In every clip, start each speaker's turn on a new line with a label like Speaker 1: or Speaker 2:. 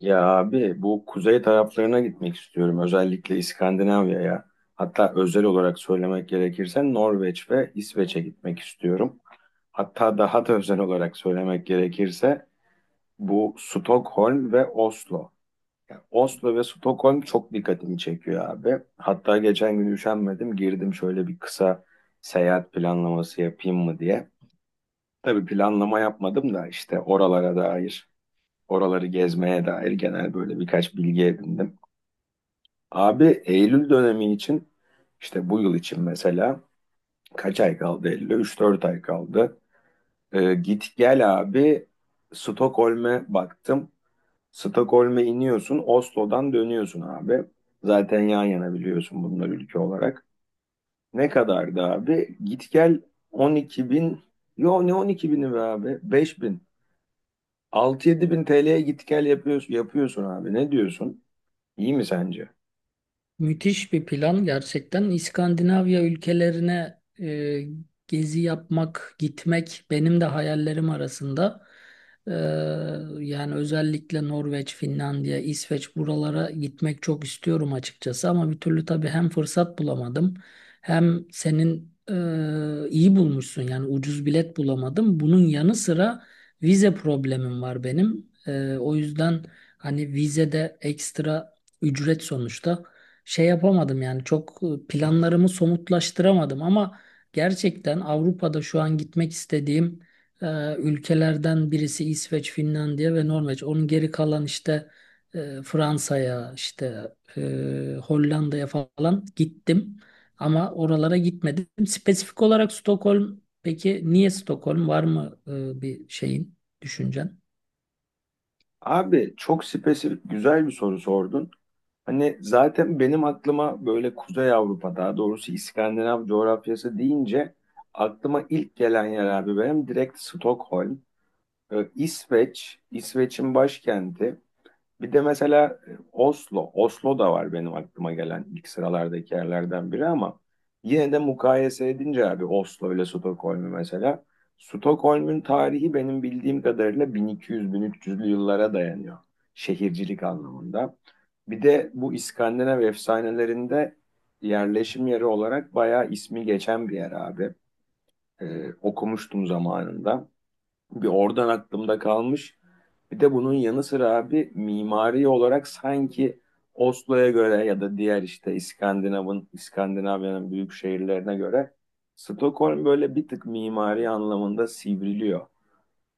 Speaker 1: Ya abi bu kuzey taraflarına gitmek istiyorum. Özellikle İskandinavya'ya. Hatta özel olarak söylemek gerekirse Norveç ve İsveç'e gitmek istiyorum. Hatta daha da özel olarak söylemek gerekirse bu Stockholm ve Oslo. Yani Oslo ve Stockholm çok dikkatimi çekiyor abi. Hatta geçen gün üşenmedim girdim şöyle bir kısa seyahat planlaması yapayım mı diye. Tabii planlama yapmadım da işte oralara dair, oraları gezmeye dair genel böyle birkaç bilgi edindim. Abi Eylül dönemi için işte bu yıl için mesela kaç ay kaldı Eylül'e? Üç dört ay kaldı. Git gel abi, Stockholm'e baktım. Stockholm'e iniyorsun, Oslo'dan dönüyorsun abi. Zaten yan yana biliyorsun bunları ülke olarak. Ne kadardı abi? Git gel 12 bin. Yo, ne 12 bini be abi? 5 bin. 6-7 bin TL'ye git gel yapıyorsun, yapıyorsun abi. Ne diyorsun? İyi mi sence?
Speaker 2: Müthiş bir plan gerçekten. İskandinavya ülkelerine gezi yapmak, gitmek benim de hayallerim arasında. E, Yani özellikle Norveç, Finlandiya, İsveç buralara gitmek çok istiyorum açıkçası. Ama bir türlü tabii hem fırsat bulamadım hem senin iyi bulmuşsun yani ucuz bilet bulamadım. Bunun yanı sıra vize problemim var benim. O yüzden hani vizede ekstra ücret sonuçta şey yapamadım yani çok planlarımı somutlaştıramadım ama gerçekten Avrupa'da şu an gitmek istediğim ülkelerden birisi İsveç, Finlandiya ve Norveç. Onun geri kalan işte Fransa'ya, işte Hollanda'ya falan gittim ama oralara gitmedim. Spesifik olarak Stockholm, peki niye Stockholm var mı bir şeyin, düşüncen?
Speaker 1: Abi çok spesifik güzel bir soru sordun. Hani zaten benim aklıma böyle Kuzey Avrupa, daha doğrusu İskandinav coğrafyası deyince aklıma ilk gelen yer abi benim direkt Stockholm, İsveç, İsveç'in başkenti. Bir de mesela Oslo. Oslo da var benim aklıma gelen ilk sıralardaki yerlerden biri ama yine de mukayese edince abi Oslo ile Stockholm'u mesela. Stockholm'un tarihi benim bildiğim kadarıyla 1200-1300'lü yıllara dayanıyor şehircilik anlamında. Bir de bu İskandinav efsanelerinde yerleşim yeri olarak bayağı ismi geçen bir yer abi. Okumuştum zamanında. Bir oradan aklımda kalmış. Bir de bunun yanı sıra abi mimari olarak sanki Oslo'ya göre ya da diğer işte İskandinav'ın, İskandinavya'nın büyük şehirlerine göre Stockholm böyle bir tık mimari anlamında sivriliyor.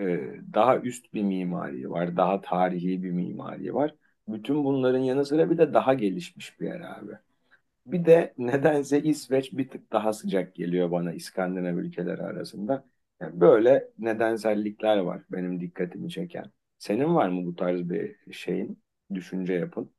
Speaker 1: Daha üst bir mimari var, daha tarihi bir mimari var. Bütün bunların yanı sıra bir de daha gelişmiş bir yer abi. Bir de nedense İsveç bir tık daha sıcak geliyor bana İskandinav ülkeleri arasında. Yani böyle nedensellikler var benim dikkatimi çeken. Senin var mı bu tarz bir şeyin, düşünce yapın?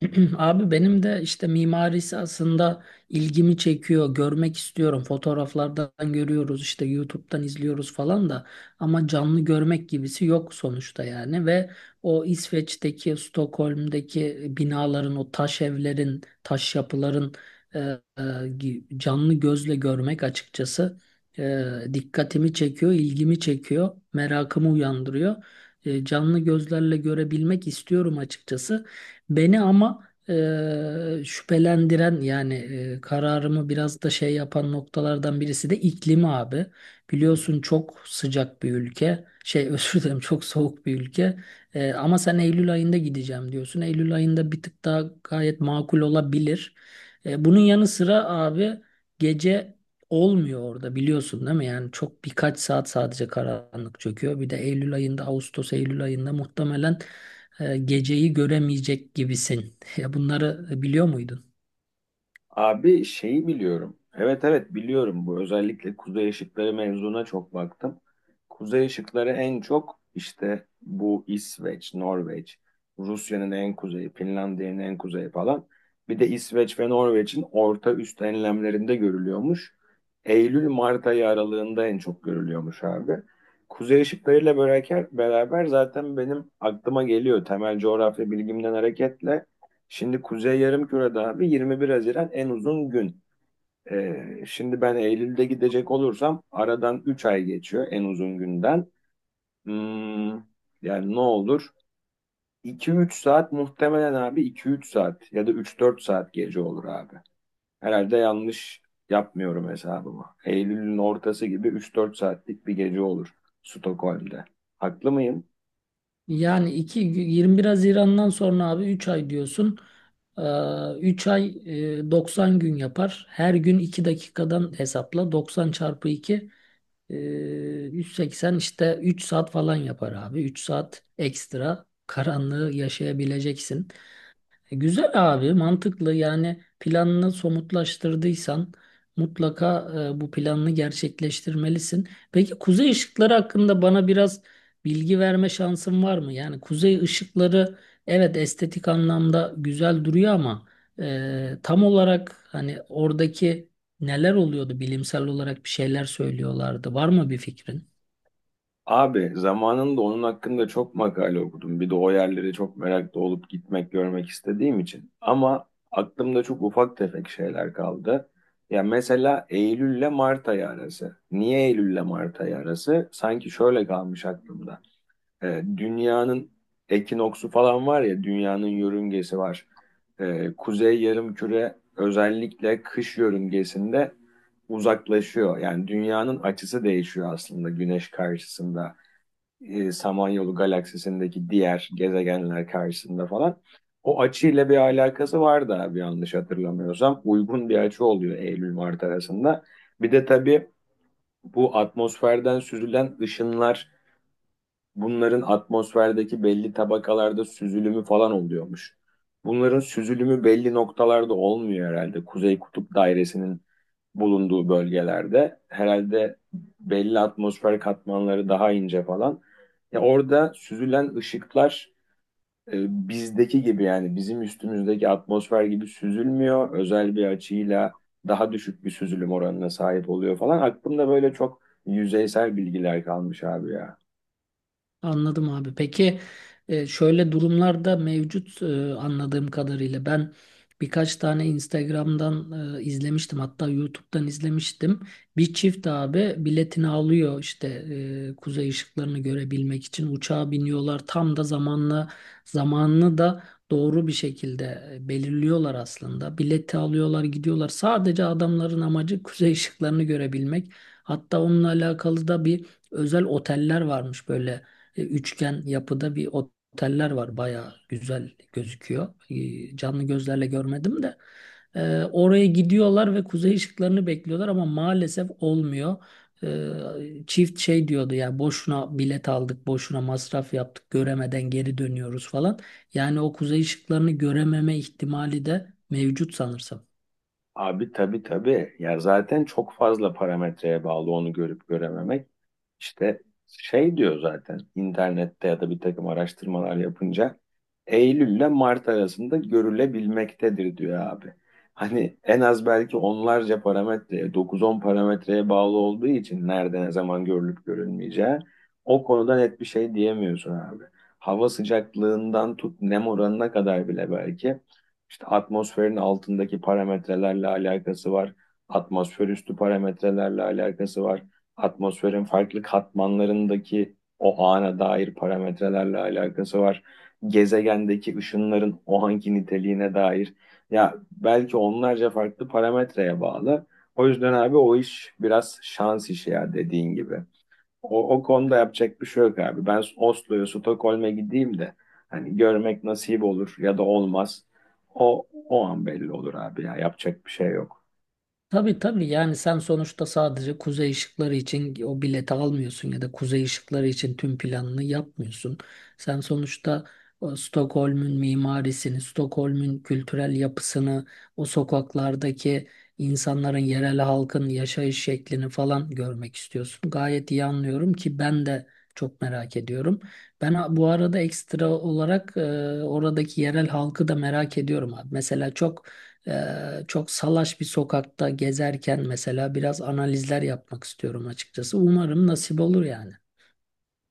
Speaker 2: Abi benim de işte mimarisi aslında ilgimi çekiyor. Görmek istiyorum. Fotoğraflardan görüyoruz işte YouTube'dan izliyoruz falan da ama canlı görmek gibisi yok sonuçta yani ve o İsveç'teki, Stockholm'deki binaların, o taş evlerin, taş yapıların e, e, canlı gözle görmek açıkçası e, dikkatimi çekiyor, ilgimi çekiyor, merakımı uyandırıyor. Canlı gözlerle görebilmek istiyorum açıkçası. Beni ama şüphelendiren yani kararımı biraz da şey yapan noktalardan birisi de iklimi abi. Biliyorsun çok sıcak bir ülke. Şey özür dilerim çok soğuk bir ülke. Ama sen Eylül ayında gideceğim diyorsun. Eylül ayında bir tık daha gayet makul olabilir. Bunun yanı sıra abi gece olmuyor orada biliyorsun değil mi? Yani çok birkaç saat sadece karanlık çöküyor. Bir de Eylül ayında, Ağustos Eylül ayında muhtemelen geceyi göremeyecek gibisin. Ya bunları biliyor muydun?
Speaker 1: Abi şeyi biliyorum. Evet evet, biliyorum bu. Özellikle kuzey ışıkları mevzuna çok baktım. Kuzey ışıkları en çok işte bu İsveç, Norveç, Rusya'nın en kuzeyi, Finlandiya'nın en kuzeyi falan. Bir de İsveç ve Norveç'in orta üst enlemlerinde görülüyormuş. Eylül-Mart ayı aralığında en çok görülüyormuş abi. Kuzey ışıklarıyla beraber zaten benim aklıma geliyor temel coğrafya bilgimden hareketle. Şimdi Kuzey Yarımküre'de abi 21 Haziran en uzun gün. Şimdi ben Eylül'de gidecek olursam aradan 3 ay geçiyor en uzun günden. Hmm, yani ne olur? iki üç saat muhtemelen abi, iki üç saat ya da üç dört saat gece olur abi. Herhalde yanlış yapmıyorum hesabımı. Eylül'ün ortası gibi üç dört saatlik bir gece olur Stockholm'de. Haklı mıyım?
Speaker 2: Yani 2 21 Haziran'dan sonra abi 3 ay diyorsun. 3 ay 90 gün yapar. Her gün 2 dakikadan hesapla. 90 çarpı 2 180 işte 3 saat falan yapar abi. 3 saat ekstra karanlığı yaşayabileceksin. Güzel abi, mantıklı. Yani planını somutlaştırdıysan mutlaka bu planını gerçekleştirmelisin. Peki kuzey ışıkları hakkında bana biraz bilgi verme şansın var mı? Yani kuzey ışıkları evet estetik anlamda güzel duruyor ama tam olarak hani oradaki neler oluyordu bilimsel olarak bir şeyler söylüyorlardı. Var mı bir fikrin?
Speaker 1: Abi zamanında onun hakkında çok makale okudum. Bir de o yerlere çok meraklı olup gitmek, görmek istediğim için. Ama aklımda çok ufak tefek şeyler kaldı. Ya mesela Eylül ile Mart ayı arası. Niye Eylül ile Mart ayı arası? Sanki şöyle kalmış aklımda. Dünyanın ekinoksu falan var ya, dünyanın yörüngesi var. Kuzey Yarımküre özellikle kış yörüngesinde uzaklaşıyor. Yani dünyanın açısı değişiyor aslında güneş karşısında, Samanyolu galaksisindeki diğer gezegenler karşısında falan. O açıyla bir alakası var da, bir yanlış hatırlamıyorsam. Uygun bir açı oluyor Eylül-Mart arasında. Bir de tabii bu atmosferden süzülen ışınlar, bunların atmosferdeki belli tabakalarda süzülümü falan oluyormuş. Bunların süzülümü belli noktalarda olmuyor herhalde. Kuzey Kutup Dairesi'nin bulunduğu bölgelerde herhalde belli atmosfer katmanları daha ince falan. Ya orada süzülen ışıklar bizdeki gibi, yani bizim üstümüzdeki atmosfer gibi süzülmüyor. Özel bir açıyla daha düşük bir süzülüm oranına sahip oluyor falan. Aklımda böyle çok yüzeysel bilgiler kalmış abi ya.
Speaker 2: Anladım abi. Peki şöyle durumlarda mevcut anladığım kadarıyla ben birkaç tane Instagram'dan izlemiştim hatta YouTube'dan izlemiştim. Bir çift abi biletini alıyor işte kuzey ışıklarını görebilmek için uçağa biniyorlar. Tam da zamanla zamanını da doğru bir şekilde belirliyorlar aslında. Bileti alıyorlar gidiyorlar. Sadece adamların amacı kuzey ışıklarını görebilmek. Hatta onunla alakalı da bir özel oteller varmış böyle üçgen yapıda bir oteller var. Bayağı güzel gözüküyor. Canlı gözlerle görmedim de. Oraya gidiyorlar ve kuzey ışıklarını bekliyorlar ama maalesef olmuyor. Çift şey diyordu ya boşuna bilet aldık, boşuna masraf yaptık, göremeden geri dönüyoruz falan. Yani o kuzey ışıklarını görememe ihtimali de mevcut sanırsam.
Speaker 1: Abi tabii tabii. Ya zaten çok fazla parametreye bağlı onu görüp görememek. İşte şey diyor zaten internette ya da bir takım araştırmalar yapınca, Eylül ile Mart arasında görülebilmektedir diyor abi. Hani en az belki onlarca parametreye, dokuz on parametreye bağlı olduğu için nerede ne zaman görülüp görülmeyeceği o konuda net bir şey diyemiyorsun abi. Hava sıcaklığından tut nem oranına kadar bile belki işte atmosferin altındaki parametrelerle alakası var. Atmosfer üstü parametrelerle alakası var, atmosferin farklı katmanlarındaki o ana dair parametrelerle alakası var. Gezegendeki ışınların o anki niteliğine dair. Ya belki onlarca farklı parametreye bağlı. O yüzden abi o iş biraz şans işi ya, dediğin gibi. O konuda yapacak bir şey yok abi. Ben Oslo'ya, Stockholm'e gideyim de hani görmek nasip olur ya da olmaz. O an belli olur abi ya, yapacak bir şey yok.
Speaker 2: Tabii tabii, yani sen sonuçta sadece kuzey ışıkları için o bileti almıyorsun ya da kuzey ışıkları için tüm planını yapmıyorsun. Sen sonuçta o Stockholm'ün mimarisini, Stockholm'ün kültürel yapısını, o sokaklardaki insanların, yerel halkın yaşayış şeklini falan görmek istiyorsun. Gayet iyi anlıyorum ki ben de çok merak ediyorum. Ben bu arada ekstra olarak oradaki yerel halkı da merak ediyorum abi. Mesela çok salaş bir sokakta gezerken mesela biraz analizler yapmak istiyorum açıkçası. Umarım nasip olur yani.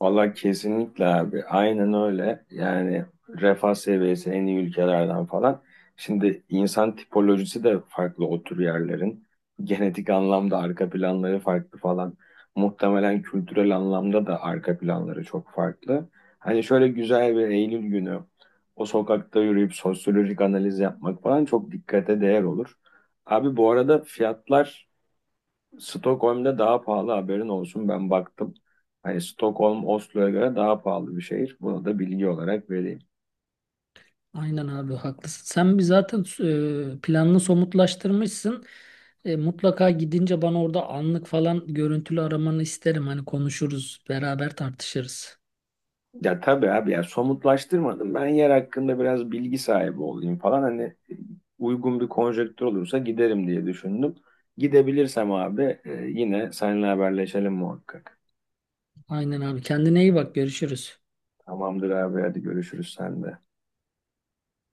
Speaker 1: Valla kesinlikle abi. Aynen öyle. Yani refah seviyesi en iyi ülkelerden falan. Şimdi insan tipolojisi de farklı o tür yerlerin. Genetik anlamda arka planları farklı falan. Muhtemelen kültürel anlamda da arka planları çok farklı. Hani şöyle güzel bir Eylül günü o sokakta yürüyüp sosyolojik analiz yapmak falan çok dikkate değer olur. Abi bu arada fiyatlar Stockholm'da daha pahalı, haberin olsun, ben baktım. Hani Stockholm Oslo'ya göre daha pahalı bir şehir. Bunu da bilgi olarak vereyim.
Speaker 2: Aynen abi, haklısın. Sen bir zaten planını somutlaştırmışsın. Mutlaka gidince bana orada anlık falan görüntülü aramanı isterim. Hani konuşuruz, beraber tartışırız.
Speaker 1: Ya tabii abi ya, somutlaştırmadım. Ben yer hakkında biraz bilgi sahibi olayım falan. Hani uygun bir konjektür olursa giderim diye düşündüm. Gidebilirsem abi yine seninle haberleşelim muhakkak.
Speaker 2: Aynen abi. Kendine iyi bak. Görüşürüz.
Speaker 1: Tamamdır abi, hadi görüşürüz sen de.